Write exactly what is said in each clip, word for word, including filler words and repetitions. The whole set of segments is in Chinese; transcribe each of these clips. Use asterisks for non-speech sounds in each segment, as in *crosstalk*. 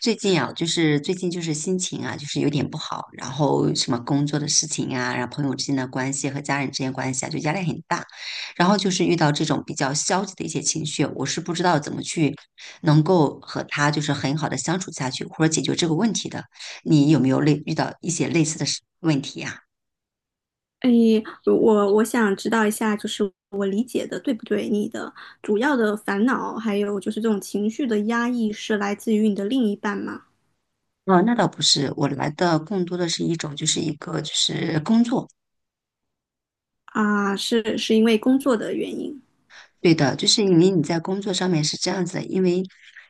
最近啊，就是最近就是心情啊，就是有点不好，然后什么工作的事情啊，然后朋友之间的关系和家人之间关系啊，就压力很大。然后就是遇到这种比较消极的一些情绪，我是不知道怎么去能够和他就是很好的相处下去，或者解决这个问题的。你有没有类遇到一些类似的事问题呀？哎，我我想知道一下，就是我理解的对不对？你的主要的烦恼，还有就是这种情绪的压抑，是来自于你的另一半吗？啊，那倒不是，我来的更多的是一种就是一个就是工作。啊，是是因为工作的原因对的，就是因为你在工作上面是这样子的，因为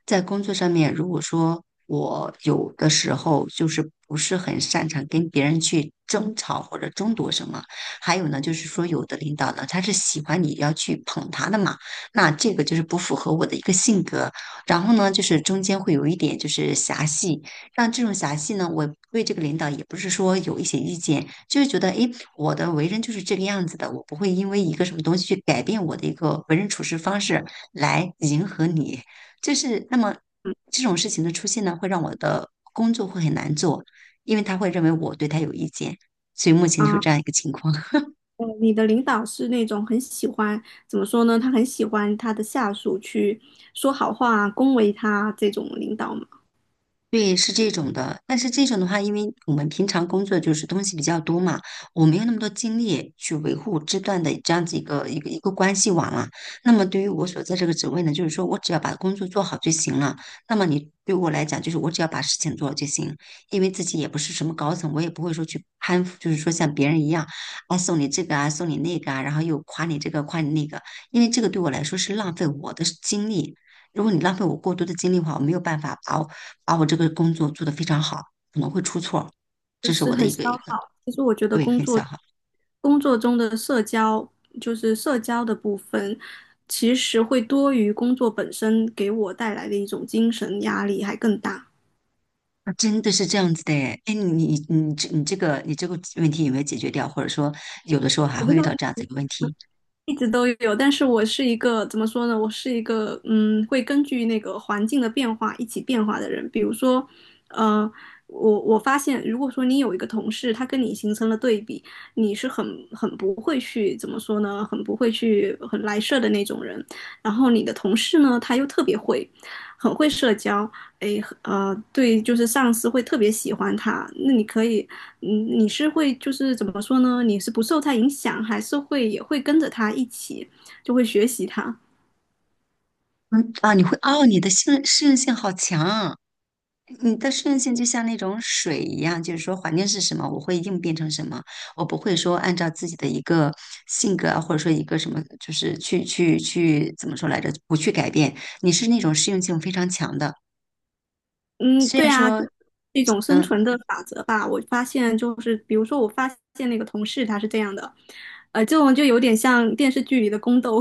在工作上面，如果说我有的时候就是不是很擅长跟别人去争吵或者争夺什么，还有呢，就是说有的领导呢，他是喜欢你要去捧他的嘛，那这个就是不符合我的一个性格。然后呢，就是中间会有一点就是狭隙，那这种狭隙呢，我对这个领导也不是说有一些意见，就是觉得，诶，我的为人就是这个样子的，我不会因为一个什么东西去改变我的一个为人处事方式来迎合你。就是那么这种事情的出现呢，会让我的工作会很难做，因为他会认为我对他有意见，所以目前就是啊？这样一个情况。呃你的领导是那种很喜欢，怎么说呢？他很喜欢他的下属去说好话、恭维他这种领导吗？对，是这种的，但是这种的话，因为我们平常工作就是东西比较多嘛，我没有那么多精力去维护这段的这样子一个一个一个关系网了。那么对于我所在这个职位呢，就是说我只要把工作做好就行了。那么你对我来讲，就是我只要把事情做好就行，因为自己也不是什么高层，我也不会说去攀附，就是说像别人一样，啊送你这个啊，送你那个啊，然后又夸你这个夸你那个，因为这个对我来说是浪费我的精力。如果你浪费我过多的精力的话，我没有办法把我把我这个工作做得非常好，可能会出错，就这是是我的很一消个一个耗。其实我觉得对工很作小哈。啊工作中的社交，就是社交的部分，其实会多于工作本身给我带来的一种精神压力还更大。真的是这样子的诶哎，你你你这你这个你这个问题有没有解决掉？或者说，有的时候还我会遇到这这样子一个问题，一直都有，但是我是一个怎么说呢？我是一个嗯，会根据那个环境的变化一起变化的人。比如说，呃，我我发现，如果说你有一个同事，他跟你形成了对比，你是很很不会去怎么说呢？很不会去很来事儿的那种人。然后你的同事呢，他又特别会，很会社交，诶，呃，对，就是上司会特别喜欢他。那你可以。嗯，你是会就是怎么说呢？你是不受他影响，还是会也会跟着他一起，就会学习他。嗯啊，你会哦，你的性适应性好强，你的适应性就像那种水一样，就是说环境是什么，我会应变成什么，我不会说按照自己的一个性格啊，或者说一个什么，就是去去去怎么说来着，不去改变，你是那种适应性非常强的。嗯，虽对然啊，就说是一种生嗯存的法则吧。我发现就是，比如说我发现那个同事他是这样的，呃，这种就有点像电视剧里的宫斗，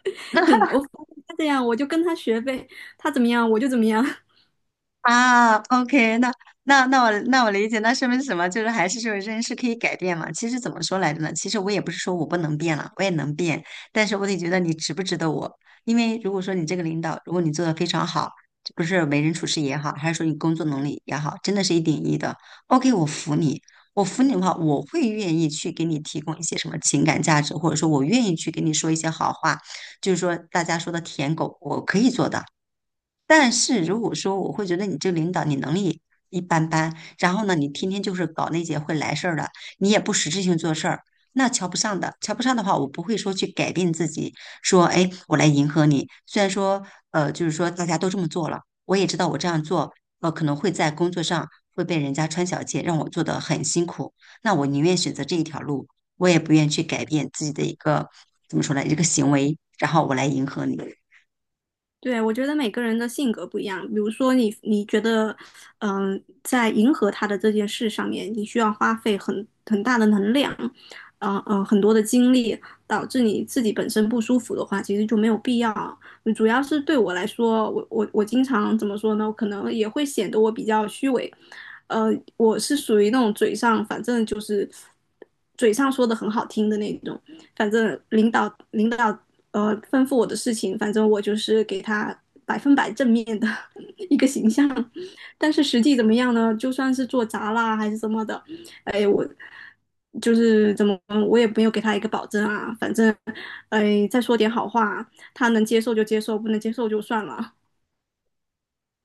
*laughs* 嗯，我发现他这样，我就跟他学呗，他怎么样我就怎么样。啊，OK，那那那我那我理解，那说明是什么？就是还是说人是可以改变嘛。其实怎么说来着呢？其实我也不是说我不能变了，我也能变，但是我得觉得你值不值得我。因为如果说你这个领导，如果你做的非常好，不是为人处事也好，还是说你工作能力也好，真的是一顶一的，OK，我服你。我服你的话，我会愿意去给你提供一些什么情感价值，或者说我愿意去给你说一些好话，就是说大家说的舔狗，我可以做到。但是如果说我会觉得你这个领导你能力一般般，然后呢，你天天就是搞那些会来事儿的，你也不实质性做事儿，那瞧不上的。瞧不上的话，我不会说去改变自己，说哎，我来迎合你。虽然说呃，就是说大家都这么做了，我也知道我这样做，呃，可能会在工作上会被人家穿小鞋，让我做得很辛苦。那我宁愿选择这一条路，我也不愿去改变自己的一个怎么说呢，一个行为，然后我来迎合你。对，我觉得每个人的性格不一样。比如说你，你觉得，嗯、在迎合他的这件事上面，你需要花费很很大的能量，嗯、呃、嗯、很多的精力，导致你自己本身不舒服的话，其实就没有必要。嗯主要是对我来说，我我我经常怎么说呢？我可能也会显得我比较虚伪。呃，我是属于那种嘴上，反正就是嘴上说的很好听的那种，反正领导领导呃吩咐我的事情，反正我就是给他百分之百正面的 *laughs* 一个形象。但是实际怎么样呢？就算是做砸啦还是什么的，哎，我就是怎么我也没有给他一个保证啊。反正哎，再说点好话，他能接受就接受，不能接受就算了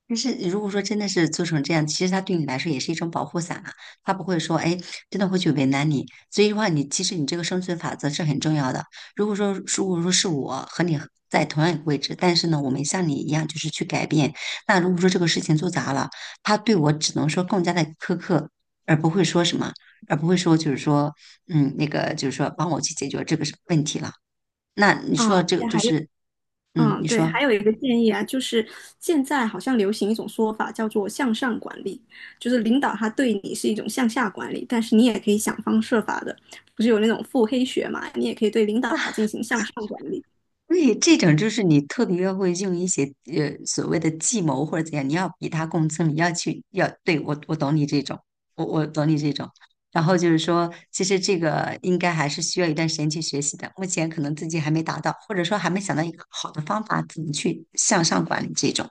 但是如果说真的是做成这样，其实他对你来说也是一种保护伞啊，他不会说，哎，真的会去为难你。所以的话，你其实你这个生存法则是很重要的。如果说如果说是我和你在同样一个位置，但是呢，我没像你一样就是去改变，那如果说这个事情做砸了，他对我只能说更加的苛刻，而不会说什么，而不会说就是说，嗯，那个就是说帮我去解决这个问题了。那你说啊。到这个现在就还有是，嗯，嗯，你对，说。还有一个建议啊，就是现在好像流行一种说法叫做向上管理，就是领导他对你是一种向下管理，但是你也可以想方设法的，不是有那种腹黑学嘛，你也可以对领导进行向上管理，对，这种就是你特别要会用一些呃所谓的计谋或者怎样，你要比他更聪你要去要对我我懂你这种，我我懂你这种。然后就是说，其实这个应该还是需要一段时间去学习的，目前可能自己还没达到，或者说还没想到一个好的方法怎么去向上管理这种。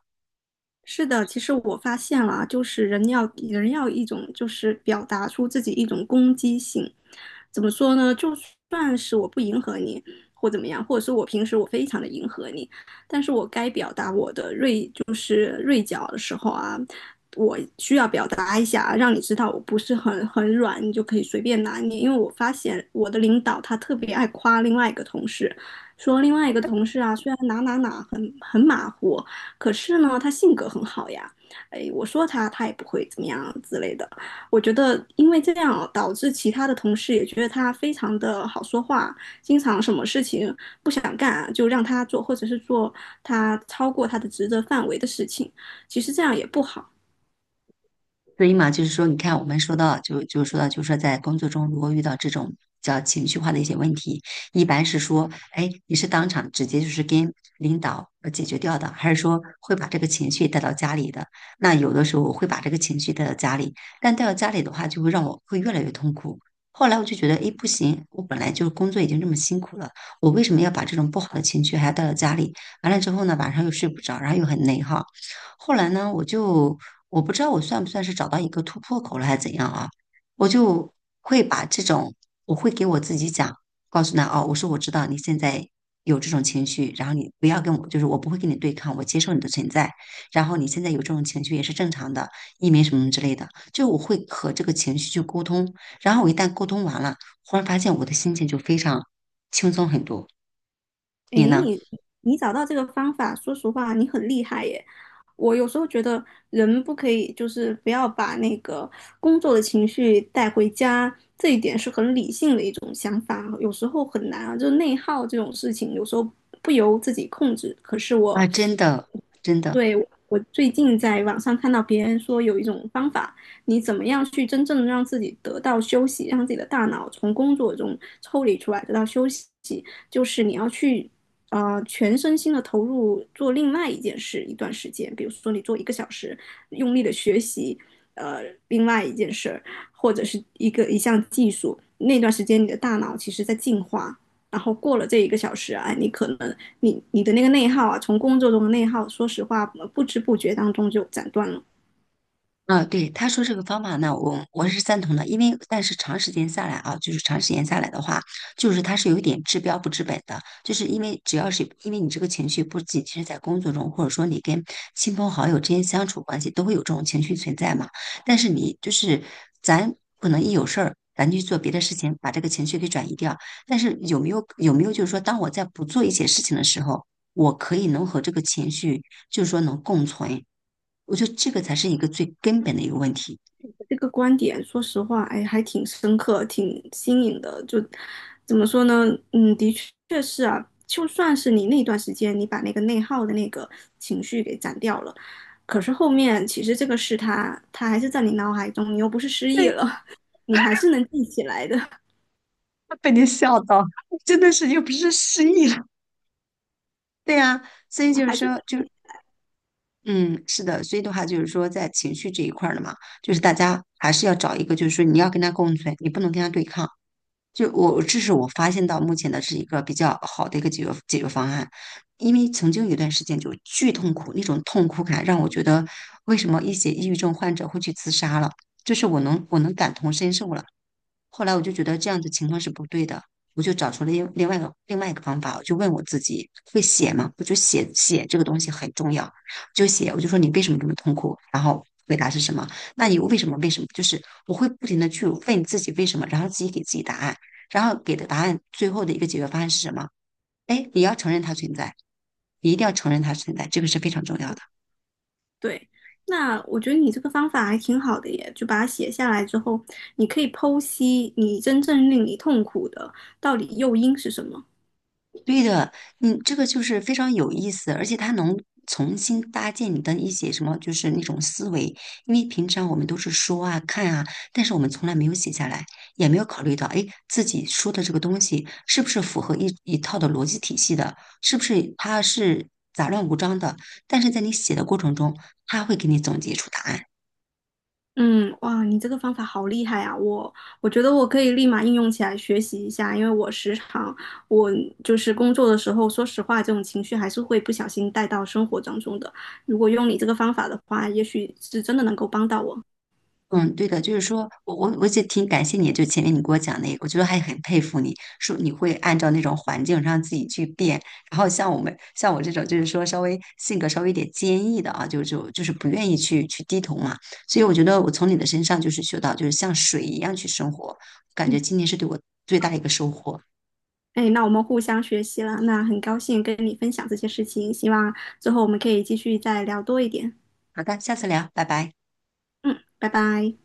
是的，其实我发现了啊，就是人要人要一种，就是表达出自己一种攻击性。怎么说呢？就算是我不迎合你，或怎么样，或者是我平时我非常的迎合你，但是我该表达我的锐，就是锐角的时候啊，我需要表达一下，让你知道我不是很很软，你就可以随便拿捏。因为我发现我的领导他特别爱夸另外一个同事，说另外一个同事啊，虽然哪哪哪很很马虎，可是呢，他性格很好呀。哎，我说他，他也不会怎么样之类的。我觉得，因为这样导致其他的同事也觉得他非常的好说话，经常什么事情不想干就让他做，或者是做他超过他的职责范围的事情。其实这样也不好。所以嘛，就是说，你看，我们说到就就说到，就是说，在工作中如果遇到这种叫情绪化的一些问题，一般是说，哎，你是当场直接就是跟领导呃解决掉的，还是说会把这个情绪带到家里的？那有的时候我会把这个情绪带到家里，但带到家里的话，就会让我会越来越痛苦。后来我就觉得，哎，不行，我本来就是工作已经这么辛苦了，我为什么要把这种不好的情绪还要带到家里？完了之后呢，晚上又睡不着，然后又很内耗。后来呢，我就我不知道我算不算是找到一个突破口了，还是怎样啊？我就会把这种，我会给我自己讲，告诉他哦，我说我知道你现在有这种情绪，然后你不要跟我，就是我不会跟你对抗，我接受你的存在，然后你现在有这种情绪也是正常的，你没什么之类的，就我会和这个情绪去沟通，然后我一旦沟通完了，忽然发现我的心情就非常轻松很多。哎，你呢？你你找到这个方法，说实话，你很厉害耶。我有时候觉得人不可以，就是不要把那个工作的情绪带回家，这一点是很理性的一种想法啊，有时候很难啊，就是内耗这种事情，有时候不由自己控制。可是啊，我，真的，真的，对，我最近在网上看到别人说有一种方法，你怎么样去真正的让自己得到休息，让自己的大脑从工作中抽离出来，得到休息，就是你要去。呃全身心的投入做另外一件事一段时间，比如说你做一个小时，用力的学习，呃，另外一件事儿，或者是一个一项技术，那段时间你的大脑其实在进化，然后过了这一个小时啊，你可能你你的那个内耗啊，从工作中的内耗，说实话不知不觉当中就斩断了。啊，对，他说这个方法呢，我我是赞同的，因为但是长时间下来啊，就是长时间下来的话，就是它是有一点治标不治本的，就是因为只要是因为你这个情绪不仅是在工作中，或者说你跟亲朋好友之间相处关系都会有这种情绪存在嘛，但是你就是咱可能一有事儿。咱去做别的事情，把这个情绪给转移掉。但是有没有有没有就是说，当我在不做一些事情的时候，我可以能和这个情绪就是说能共存，我觉得这个才是一个最根本的一个问题，这个观点，说实话，哎，还挺深刻，挺新颖的。就怎么说呢？嗯，的确是啊。就算是你那段时间，你把那个内耗的那个情绪给斩掉了，可是后面其实这个事它，它还是在你脑海中，你又不是失忆了，*laughs* 你还是能记起来的，真的是又不是失忆了。对呀，所以就 *laughs* 是还是说，就嗯，是的，所以的话就是说，在情绪这一块儿的嘛，就是大家还是要找一个，就是说你要跟他共存，你不能跟他对抗。就我，这是我发现到目前的是一个比较好的一个解决解决方案，因为曾经有一段时间就巨痛苦，那种痛苦感让我觉得，为什么一些抑郁症患者会去自杀了？就是我能我能感同身受了，后来我就觉得这样的情况是不对的，我就找出了另另外一个另外一个方法，我就问我自己，会写吗？我就写写这个东西很重要，就写，我就说你为什么这么痛苦？然后回答是什么？那你为什么为什么？就是我会不停的去问自己为什么，然后自己给自己答案，然后给的答案最后的一个解决方案是什么？哎，你要承认它存在，你一定要承认它存在，这个是非常重要的。对。那我觉得你这个方法还挺好的耶，就把它写下来之后，你可以剖析你真正令你痛苦的到底诱因是什么。对的，嗯，这个就是非常有意思，而且它能重新搭建你的一些什么，就是那种思维。因为平常我们都是说啊、看啊，但是我们从来没有写下来，也没有考虑到，哎，自己说的这个东西是不是符合一一套的逻辑体系的，是不是它是杂乱无章的？但是在你写的过程中，它会给你总结出答案。嗯，哇，你这个方法好厉害啊！我我觉得我可以立马应用起来学习一下，因为我时常我就是工作的时候，说实话，这种情绪还是会不小心带到生活当中的。如果用你这个方法的话，也许是真的能够帮到我。嗯，对的，就是说我我我就挺感谢你，就前面你给我讲那个，我觉得还很佩服你，说你会按照那种环境让自己去变，然后像我们像我这种就是说稍微性格稍微有点坚毅的啊，就就就是不愿意去去低头嘛，所以我觉得我从你的身上就是学到就是像水一样去生活，感觉嗯，今天是对我最大的一个收获。哎，那我们互相学习了，那很高兴跟你分享这些事情，希望之后我们可以继续再聊多一点。好的，下次聊，拜拜。嗯，拜拜。